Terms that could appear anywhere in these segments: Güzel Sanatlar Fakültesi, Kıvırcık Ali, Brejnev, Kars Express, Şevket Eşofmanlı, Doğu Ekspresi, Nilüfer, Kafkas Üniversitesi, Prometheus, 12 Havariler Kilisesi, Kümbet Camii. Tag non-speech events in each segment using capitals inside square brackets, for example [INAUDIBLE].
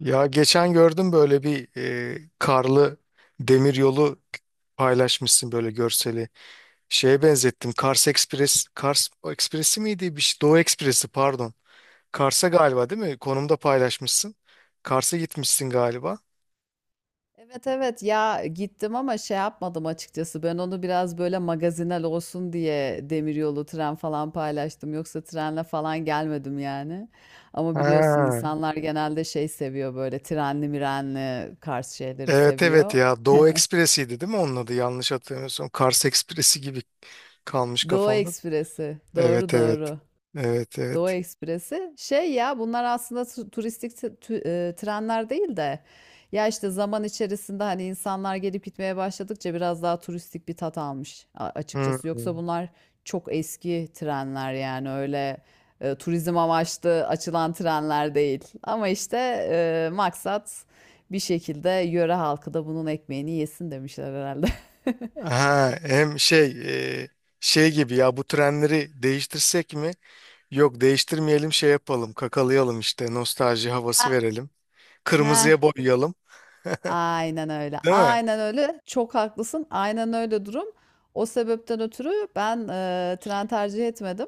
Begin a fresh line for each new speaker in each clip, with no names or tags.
Ya geçen gördüm böyle bir karlı demir yolu paylaşmışsın böyle görseli. Şeye benzettim. Kars Express, Kars Express'i miydi? Bir şey, Doğu Ekspresi pardon. Kars'a galiba değil mi? Konumda paylaşmışsın. Kars'a gitmişsin galiba.
Evet evet ya gittim ama şey yapmadım açıkçası. Ben onu biraz böyle magazinel olsun diye demiryolu tren falan paylaştım, yoksa trenle falan gelmedim yani. Ama biliyorsun
Ha,
insanlar genelde şey seviyor, böyle trenli mirenli Kars şeyleri
evet evet
seviyor.
ya Doğu Ekspresi'ydi değil mi onun adı, yanlış hatırlamıyorsam Kars Ekspresi gibi kalmış
Doğu
kafamda.
Ekspresi, doğru
Evet evet,
doğru.
evet
Doğu
evet.
Ekspresi. Şey ya, bunlar aslında tu- turistik t- tü- e, trenler değil de ya işte zaman içerisinde hani insanlar gelip gitmeye başladıkça biraz daha turistik bir tat almış açıkçası. Yoksa
Hmm.
bunlar çok eski trenler yani, öyle turizm amaçlı açılan trenler değil. Ama işte maksat bir şekilde yöre halkı da bunun ekmeğini yesin demişler herhalde.
Ha, hem şey, e, şey gibi ya, bu trenleri değiştirsek mi? Yok değiştirmeyelim, şey yapalım, kakalayalım işte, nostalji havası
[LAUGHS]
verelim.
Heh,
Kırmızıya boyayalım,
aynen öyle.
değil mi?
Aynen öyle. Çok haklısın. Aynen öyle durum. O sebepten ötürü ben tren tercih etmedim.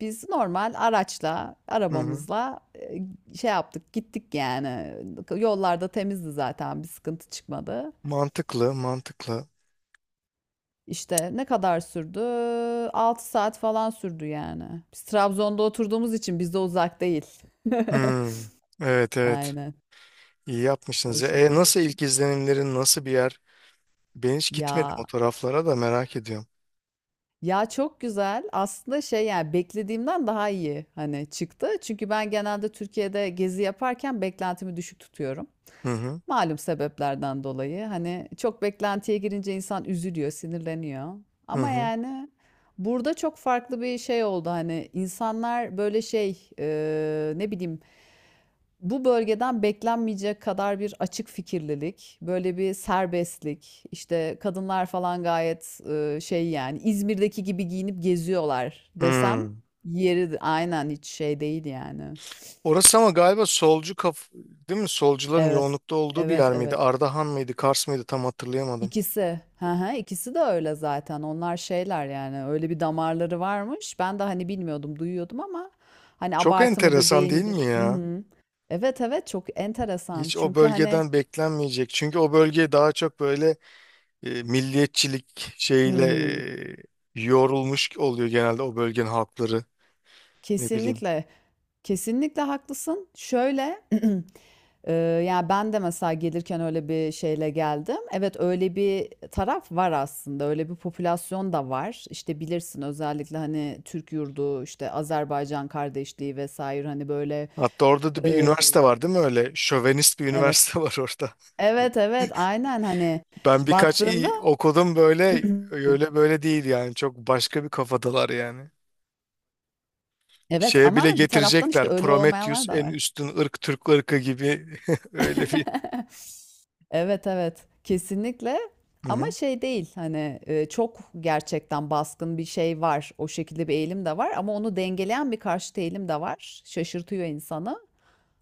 Biz normal araçla,
Hı hı.
arabamızla, şey yaptık, gittik yani. Yollarda temizdi zaten, bir sıkıntı çıkmadı.
Mantıklı mantıklı.
İşte ne kadar sürdü? 6 saat falan sürdü yani. Biz Trabzon'da oturduğumuz için bizde uzak değil. [LAUGHS]
Hmm. Evet evet,
Aynen.
iyi yapmışsınız
O
ya. E,
şekilde.
nasıl, ilk izlenimlerin, nasıl bir yer? Ben hiç gitmedim
Ya
o taraflara, da merak ediyorum.
Ya, çok güzel. Aslında şey yani beklediğimden daha iyi hani çıktı. Çünkü ben genelde Türkiye'de gezi yaparken beklentimi düşük tutuyorum.
Hı hı.
Malum sebeplerden dolayı. Hani çok beklentiye girince insan üzülüyor, sinirleniyor.
Hı
Ama
hı.
yani burada çok farklı bir şey oldu. Hani insanlar böyle şey, ne bileyim, bu bölgeden beklenmeyecek kadar bir açık fikirlilik, böyle bir serbestlik, işte kadınlar falan gayet şey yani İzmir'deki gibi giyinip geziyorlar desem
Hmm.
yeri, aynen hiç şey değil yani.
Orası ama galiba solcu kaf, değil mi? Solcuların
Evet,
yoğunlukta olduğu bir
evet,
yer miydi?
evet.
Ardahan mıydı? Kars mıydı? Tam hatırlayamadım.
İkisi, hı hı, ikisi de öyle zaten. Onlar şeyler yani, öyle bir damarları varmış. Ben de hani bilmiyordum, duyuyordum ama hani
Çok
abartı mıdır,
enteresan
değil
değil mi
midir? Hı
ya?
hı. Evet, evet çok enteresan.
Hiç o
Çünkü hani
bölgeden beklenmeyecek. Çünkü o bölge daha çok böyle milliyetçilik
hı
şeyle,
hı.
e, yorulmuş oluyor genelde o bölgenin halkları. Ne bileyim.
Kesinlikle. Kesinlikle haklısın. Şöyle, [CLEARS THROAT] eee, ya, ben de mesela gelirken öyle bir şeyle geldim. Evet, öyle bir taraf var aslında. Öyle bir popülasyon da var. İşte bilirsin, özellikle hani Türk yurdu, işte Azerbaycan kardeşliği vesaire hani böyle
Hatta orada da bir
eee,
üniversite var değil mi öyle? Şövenist bir
evet.
üniversite [LAUGHS] var orada.
Evet, evet, aynen hani
Ben birkaç
baktığında
iyi okudum, böyle
[CLEARS THROAT]
öyle böyle değil yani. Çok başka bir kafadalar yani.
evet
Şeye
ama
bile
bir taraftan işte
getirecekler.
öyle
Prometheus
olmayanlar da
en
var.
üstün ırk Türk ırkı gibi [LAUGHS]
[LAUGHS]
öyle bir.
Evet evet kesinlikle,
Hı
ama
hı.
şey değil hani, çok gerçekten baskın bir şey var, o şekilde bir eğilim de var ama onu dengeleyen bir karşıt eğilim de var, şaşırtıyor insanı.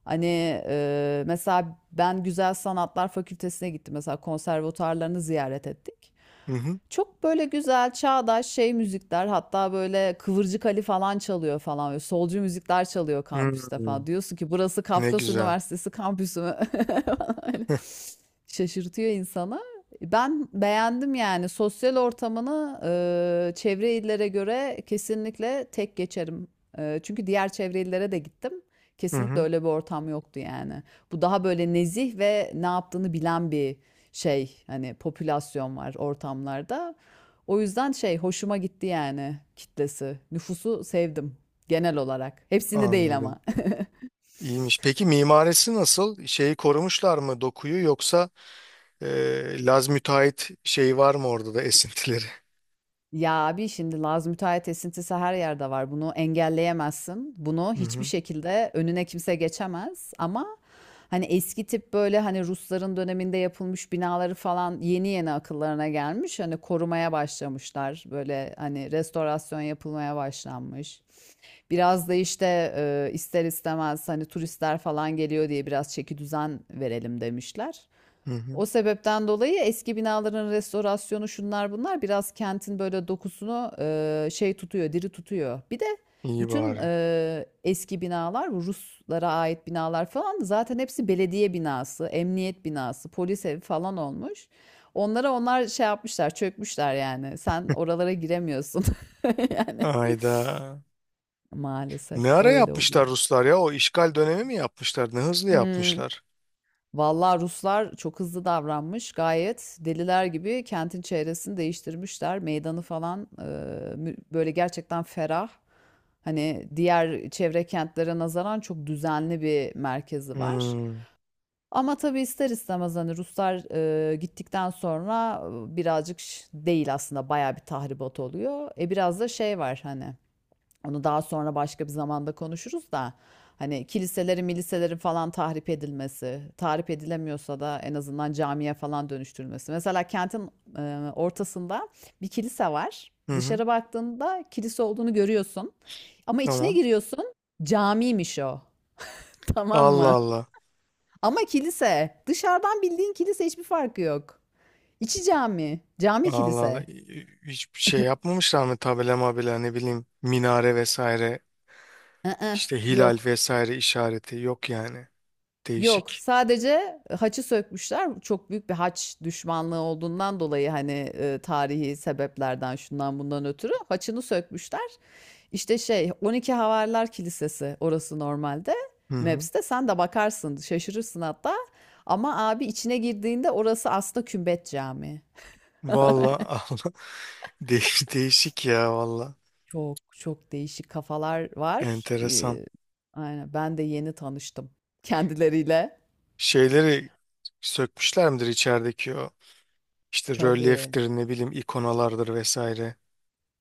Hani mesela ben Güzel Sanatlar Fakültesine gittim, mesela konservatuarlarını ziyaret ettik,
Hı hı.
çok böyle güzel çağdaş şey müzikler, hatta böyle Kıvırcık Ali falan çalıyor falan, böyle solcu müzikler çalıyor
Hı.
kampüste falan. Diyorsun ki, burası
Ne
Kafkas
güzel.
Üniversitesi kampüsü mü? [LAUGHS] Falan öyle. Şaşırtıyor insanı. Ben beğendim yani sosyal ortamını, çevre illere göre kesinlikle tek geçerim. Çünkü diğer çevre illere de gittim.
Hı
Kesinlikle
hı,
öyle bir ortam yoktu yani. Bu daha böyle nezih ve ne yaptığını bilen bir şey hani, popülasyon var ortamlarda. O yüzden şey, hoşuma gitti yani kitlesi. Nüfusu sevdim genel olarak. Hepsini değil
anladım.
ama. [LAUGHS]
İyiymiş. Peki mimarisi nasıl? Şeyi korumuşlar mı dokuyu, yoksa Laz müteahhit şey var mı orada da esintileri?
Ya abi şimdi Laz müteahhit esintisi her yerde var. Bunu engelleyemezsin. Bunu
Hı
hiçbir
hı,
şekilde önüne kimse geçemez. Ama hani eski tip böyle hani Rusların döneminde yapılmış binaları falan yeni yeni akıllarına gelmiş. Hani korumaya başlamışlar. Böyle hani restorasyon yapılmaya başlanmış. Biraz da işte ister istemez hani turistler falan geliyor diye biraz çeki düzen verelim demişler.
hı hı.
O sebepten dolayı eski binaların restorasyonu, şunlar bunlar biraz kentin böyle dokusunu şey tutuyor, diri tutuyor. Bir de
İyi
bütün
bari.
eski binalar, bu Ruslara ait binalar falan, zaten hepsi belediye binası, emniyet binası, polis evi falan olmuş. Onlara onlar şey yapmışlar, çökmüşler yani. Sen oralara giremiyorsun. [LAUGHS] Yani
Ayda.
maalesef
Ne ara
öyle
yapmışlar
oluyor.
Ruslar ya? O işgal dönemi mi yapmışlar? Ne hızlı
Hmm.
yapmışlar.
Vallahi Ruslar çok hızlı davranmış. Gayet deliler gibi kentin çevresini değiştirmişler. Meydanı falan böyle gerçekten ferah. Hani diğer çevre kentlere nazaran çok düzenli bir merkezi var.
Hmm,
Ama tabii ister istemez hani Ruslar gittikten sonra birazcık değil, aslında bayağı bir tahribat oluyor. E biraz da şey var hani. Onu daha sonra başka bir zamanda konuşuruz da, hani kiliselerin, miliselerin falan tahrip edilmesi, tahrip edilemiyorsa da en azından camiye falan dönüştürülmesi. Mesela kentin ortasında bir kilise var.
hı hı,
Dışarı baktığında kilise olduğunu görüyorsun. Ama içine
tamam.
giriyorsun, camiymiş o. [LAUGHS] Tamam
Allah
mı?
Allah.
Ama kilise. Dışarıdan bildiğin kilise, hiçbir farkı yok. İçi cami, cami
Allah Allah.
kilise.
Hiçbir şey yapmamışlar mı, tabela mabela, ne bileyim, minare vesaire
Iı,
işte, hilal
yok.
vesaire işareti yok yani.
Yok,
Değişik.
sadece haçı sökmüşler. Çok büyük bir haç düşmanlığı olduğundan dolayı hani tarihi sebeplerden şundan bundan ötürü haçını sökmüşler. İşte şey 12 Havariler Kilisesi orası normalde.
Hı hı.
Maps'te sen de bakarsın, şaşırırsın hatta. Ama abi içine girdiğinde orası aslında Kümbet Camii.
Valla Allah, [LAUGHS] değiş, değişik ya valla.
Çok çok değişik kafalar var.
Enteresan.
Aynen ben de yeni tanıştım kendileriyle.
Şeyleri sökmüşler midir içerideki, o işte
Tabii.
rölyeftir, ne bileyim, ikonalardır vesaire.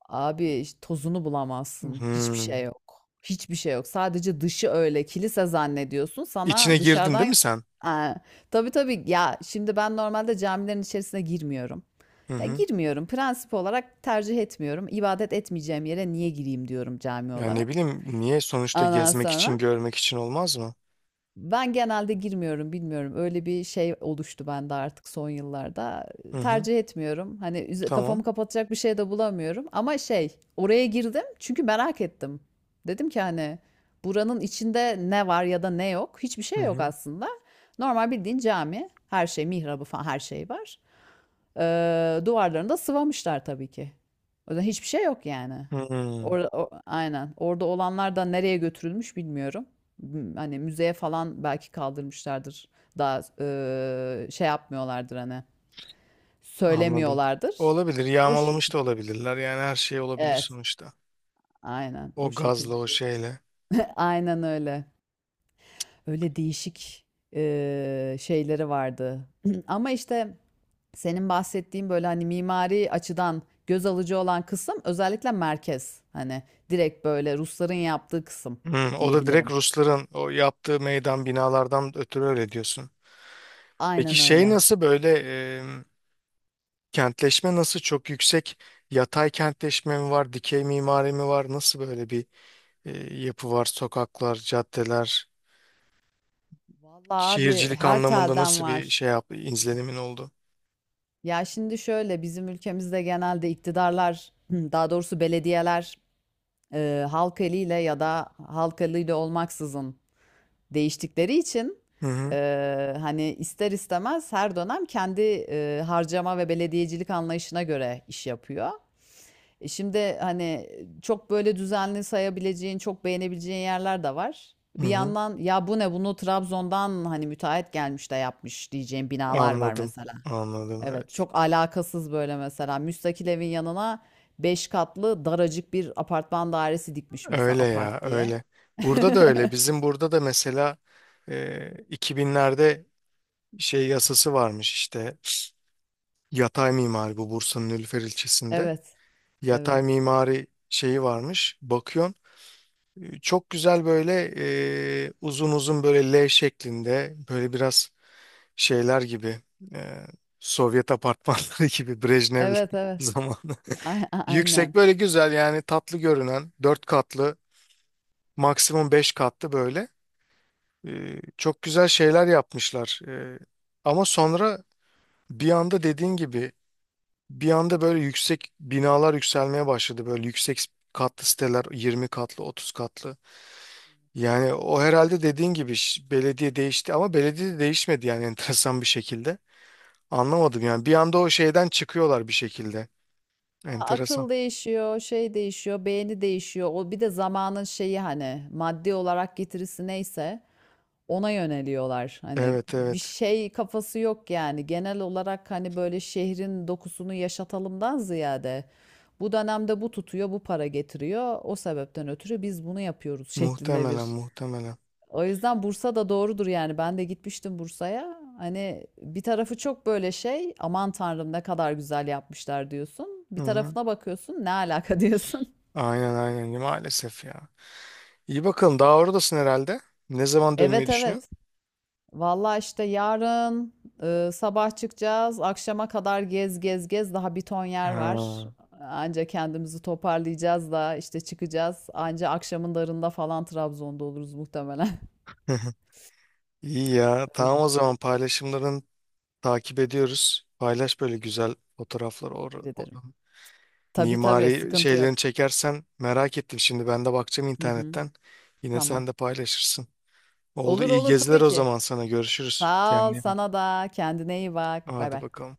Abi tozunu bulamazsın. Hiçbir şey
Hmm.
yok. Hiçbir şey yok. Sadece dışı, öyle kilise zannediyorsun.
İçine
Sana
girdin değil mi
dışarıdan
sen?
Aa, tabii tabii ya, şimdi ben normalde camilerin içerisine girmiyorum.
Hı
Ya
hı.
girmiyorum. Prensip olarak tercih etmiyorum. İbadet etmeyeceğim yere niye gireyim diyorum cami
Ya ne
olarak.
bileyim niye, sonuçta
Ondan
gezmek için,
sonra
görmek için, olmaz mı?
ben genelde girmiyorum, bilmiyorum. Öyle bir şey oluştu bende artık son yıllarda.
Hı hı.
Tercih etmiyorum. Hani
Tamam.
kafamı kapatacak bir şey de bulamıyorum. Ama şey, oraya girdim çünkü merak ettim. Dedim ki hani, buranın içinde ne var ya da ne yok? Hiçbir
Hı
şey yok
hı.
aslında. Normal bildiğin cami. Her şey, mihrabı falan her şey var. Duvarlarını da sıvamışlar tabii ki. O yüzden hiçbir şey yok yani.
Hmm.
Orada, aynen. Orada olanlar da nereye götürülmüş bilmiyorum. Hani müzeye falan belki kaldırmışlardır. Daha şey yapmıyorlardır hani.
Anladım.
Söylemiyorlardır.
Olabilir.
O
Yağmalamış da
şekilde.
olabilirler. Yani her şey olabilir
Evet.
sonuçta.
Aynen. O
O gazla,
şekilde
o
bir.
şeyle.
Aynen öyle. Öyle değişik şeyleri vardı. [CLEARS THROAT] Ama işte senin bahsettiğin böyle hani mimari açıdan göz alıcı olan kısım özellikle merkez. Hani direkt böyle Rusların yaptığı kısım
Hmm, o da direkt
diyebilirim.
Rusların o yaptığı meydan binalardan ötürü öyle diyorsun. Peki
Aynen
şey
öyle.
nasıl böyle, e, kentleşme nasıl, çok yüksek yatay kentleşme mi var, dikey mimari mi var? Nasıl böyle bir yapı var? Sokaklar, caddeler,
Vallahi abi
şehircilik
her
anlamında
telden
nasıl bir şey
var.
yaptı, izlenimin oldu?
Ya şimdi şöyle, bizim ülkemizde genelde iktidarlar, [CLEARS THROAT] daha doğrusu belediyeler, halk eliyle ya da halk eliyle olmaksızın değiştikleri için,
Hı hı,
hani ister istemez her dönem kendi harcama ve belediyecilik anlayışına göre iş yapıyor. E şimdi hani çok böyle düzenli sayabileceğin, çok beğenebileceğin yerler de var.
hı
Bir
hı.
yandan ya bu ne, bunu Trabzon'dan hani müteahhit gelmiş de yapmış diyeceğim binalar var
Anladım,
mesela.
anladım,
Evet
evet.
çok alakasız böyle, mesela müstakil evin yanına 5 katlı daracık bir apartman dairesi dikmiş mesela,
Öyle ya,
apart diye.
öyle. Burada da öyle.
[LAUGHS]
Bizim burada da mesela 2000'lerde şey yasası varmış işte. Yatay mimari bu Bursa'nın Nilüfer ilçesinde.
Evet,
Yatay
evet.
mimari şeyi varmış. Bakıyorsun çok güzel böyle uzun uzun böyle L şeklinde böyle biraz şeyler gibi, e, Sovyet apartmanları [LAUGHS] gibi, Brejnev
Evet,
[LAUGHS]
evet.
zamanı.
Aynen.
Yüksek böyle, güzel yani, tatlı görünen dört katlı, maksimum beş katlı böyle. E, çok güzel şeyler yapmışlar. E, ama sonra bir anda dediğin gibi, bir anda böyle yüksek binalar yükselmeye başladı. Böyle yüksek katlı siteler, 20 katlı, 30 katlı. Yani o herhalde dediğin gibi belediye değişti ama belediye de değişmedi yani [LAUGHS] enteresan bir şekilde. Anlamadım yani, bir anda o şeyden çıkıyorlar bir şekilde.
Ya
Enteresan.
akıl değişiyor, şey değişiyor, beğeni değişiyor. O bir de zamanın şeyi, hani maddi olarak getirisi neyse ona yöneliyorlar. Hani
Evet
bir
evet,
şey kafası yok yani. Genel olarak hani böyle şehrin dokusunu yaşatalımdan ziyade, bu dönemde bu tutuyor, bu para getiriyor. O sebepten ötürü biz bunu yapıyoruz şeklinde
muhtemelen
bir.
muhtemelen.
O yüzden Bursa da doğrudur yani. Ben de gitmiştim Bursa'ya. Hani bir tarafı çok böyle şey, aman tanrım ne kadar güzel yapmışlar diyorsun.
Hı
Bir
hı.
tarafına bakıyorsun, ne alaka diyorsun. [LAUGHS]
Aynen aynen, maalesef ya. İyi bakalım, daha oradasın herhalde. Ne zaman dönmeyi
Evet evet.
düşünüyorsun?
Vallahi işte yarın sabah çıkacağız. Akşama kadar gez gez gez. Daha bir ton yer var.
Ha.
Anca kendimizi toparlayacağız da işte çıkacağız. Anca akşamın darında falan Trabzon'da oluruz muhtemelen.
[LAUGHS] İyi ya,
[LAUGHS] Öyle
tamam o
işte.
zaman, paylaşımların takip ediyoruz. Paylaş böyle güzel fotoğrafları.
Teşekkür ederim.
Oranın
Tabii tabii,
mimari
sıkıntı yok.
şeylerini çekersen, merak ettim. Şimdi ben de bakacağım
Hı hı.
internetten. Yine
Tamam.
sen de paylaşırsın. Oldu,
Olur
iyi
olur
geziler
tabii
o
ki.
zaman sana. Görüşürüz.
Sağ
Kendine
ol,
iyi bak.
sana da. Kendine iyi bak. Bay
Hadi
bay.
bakalım.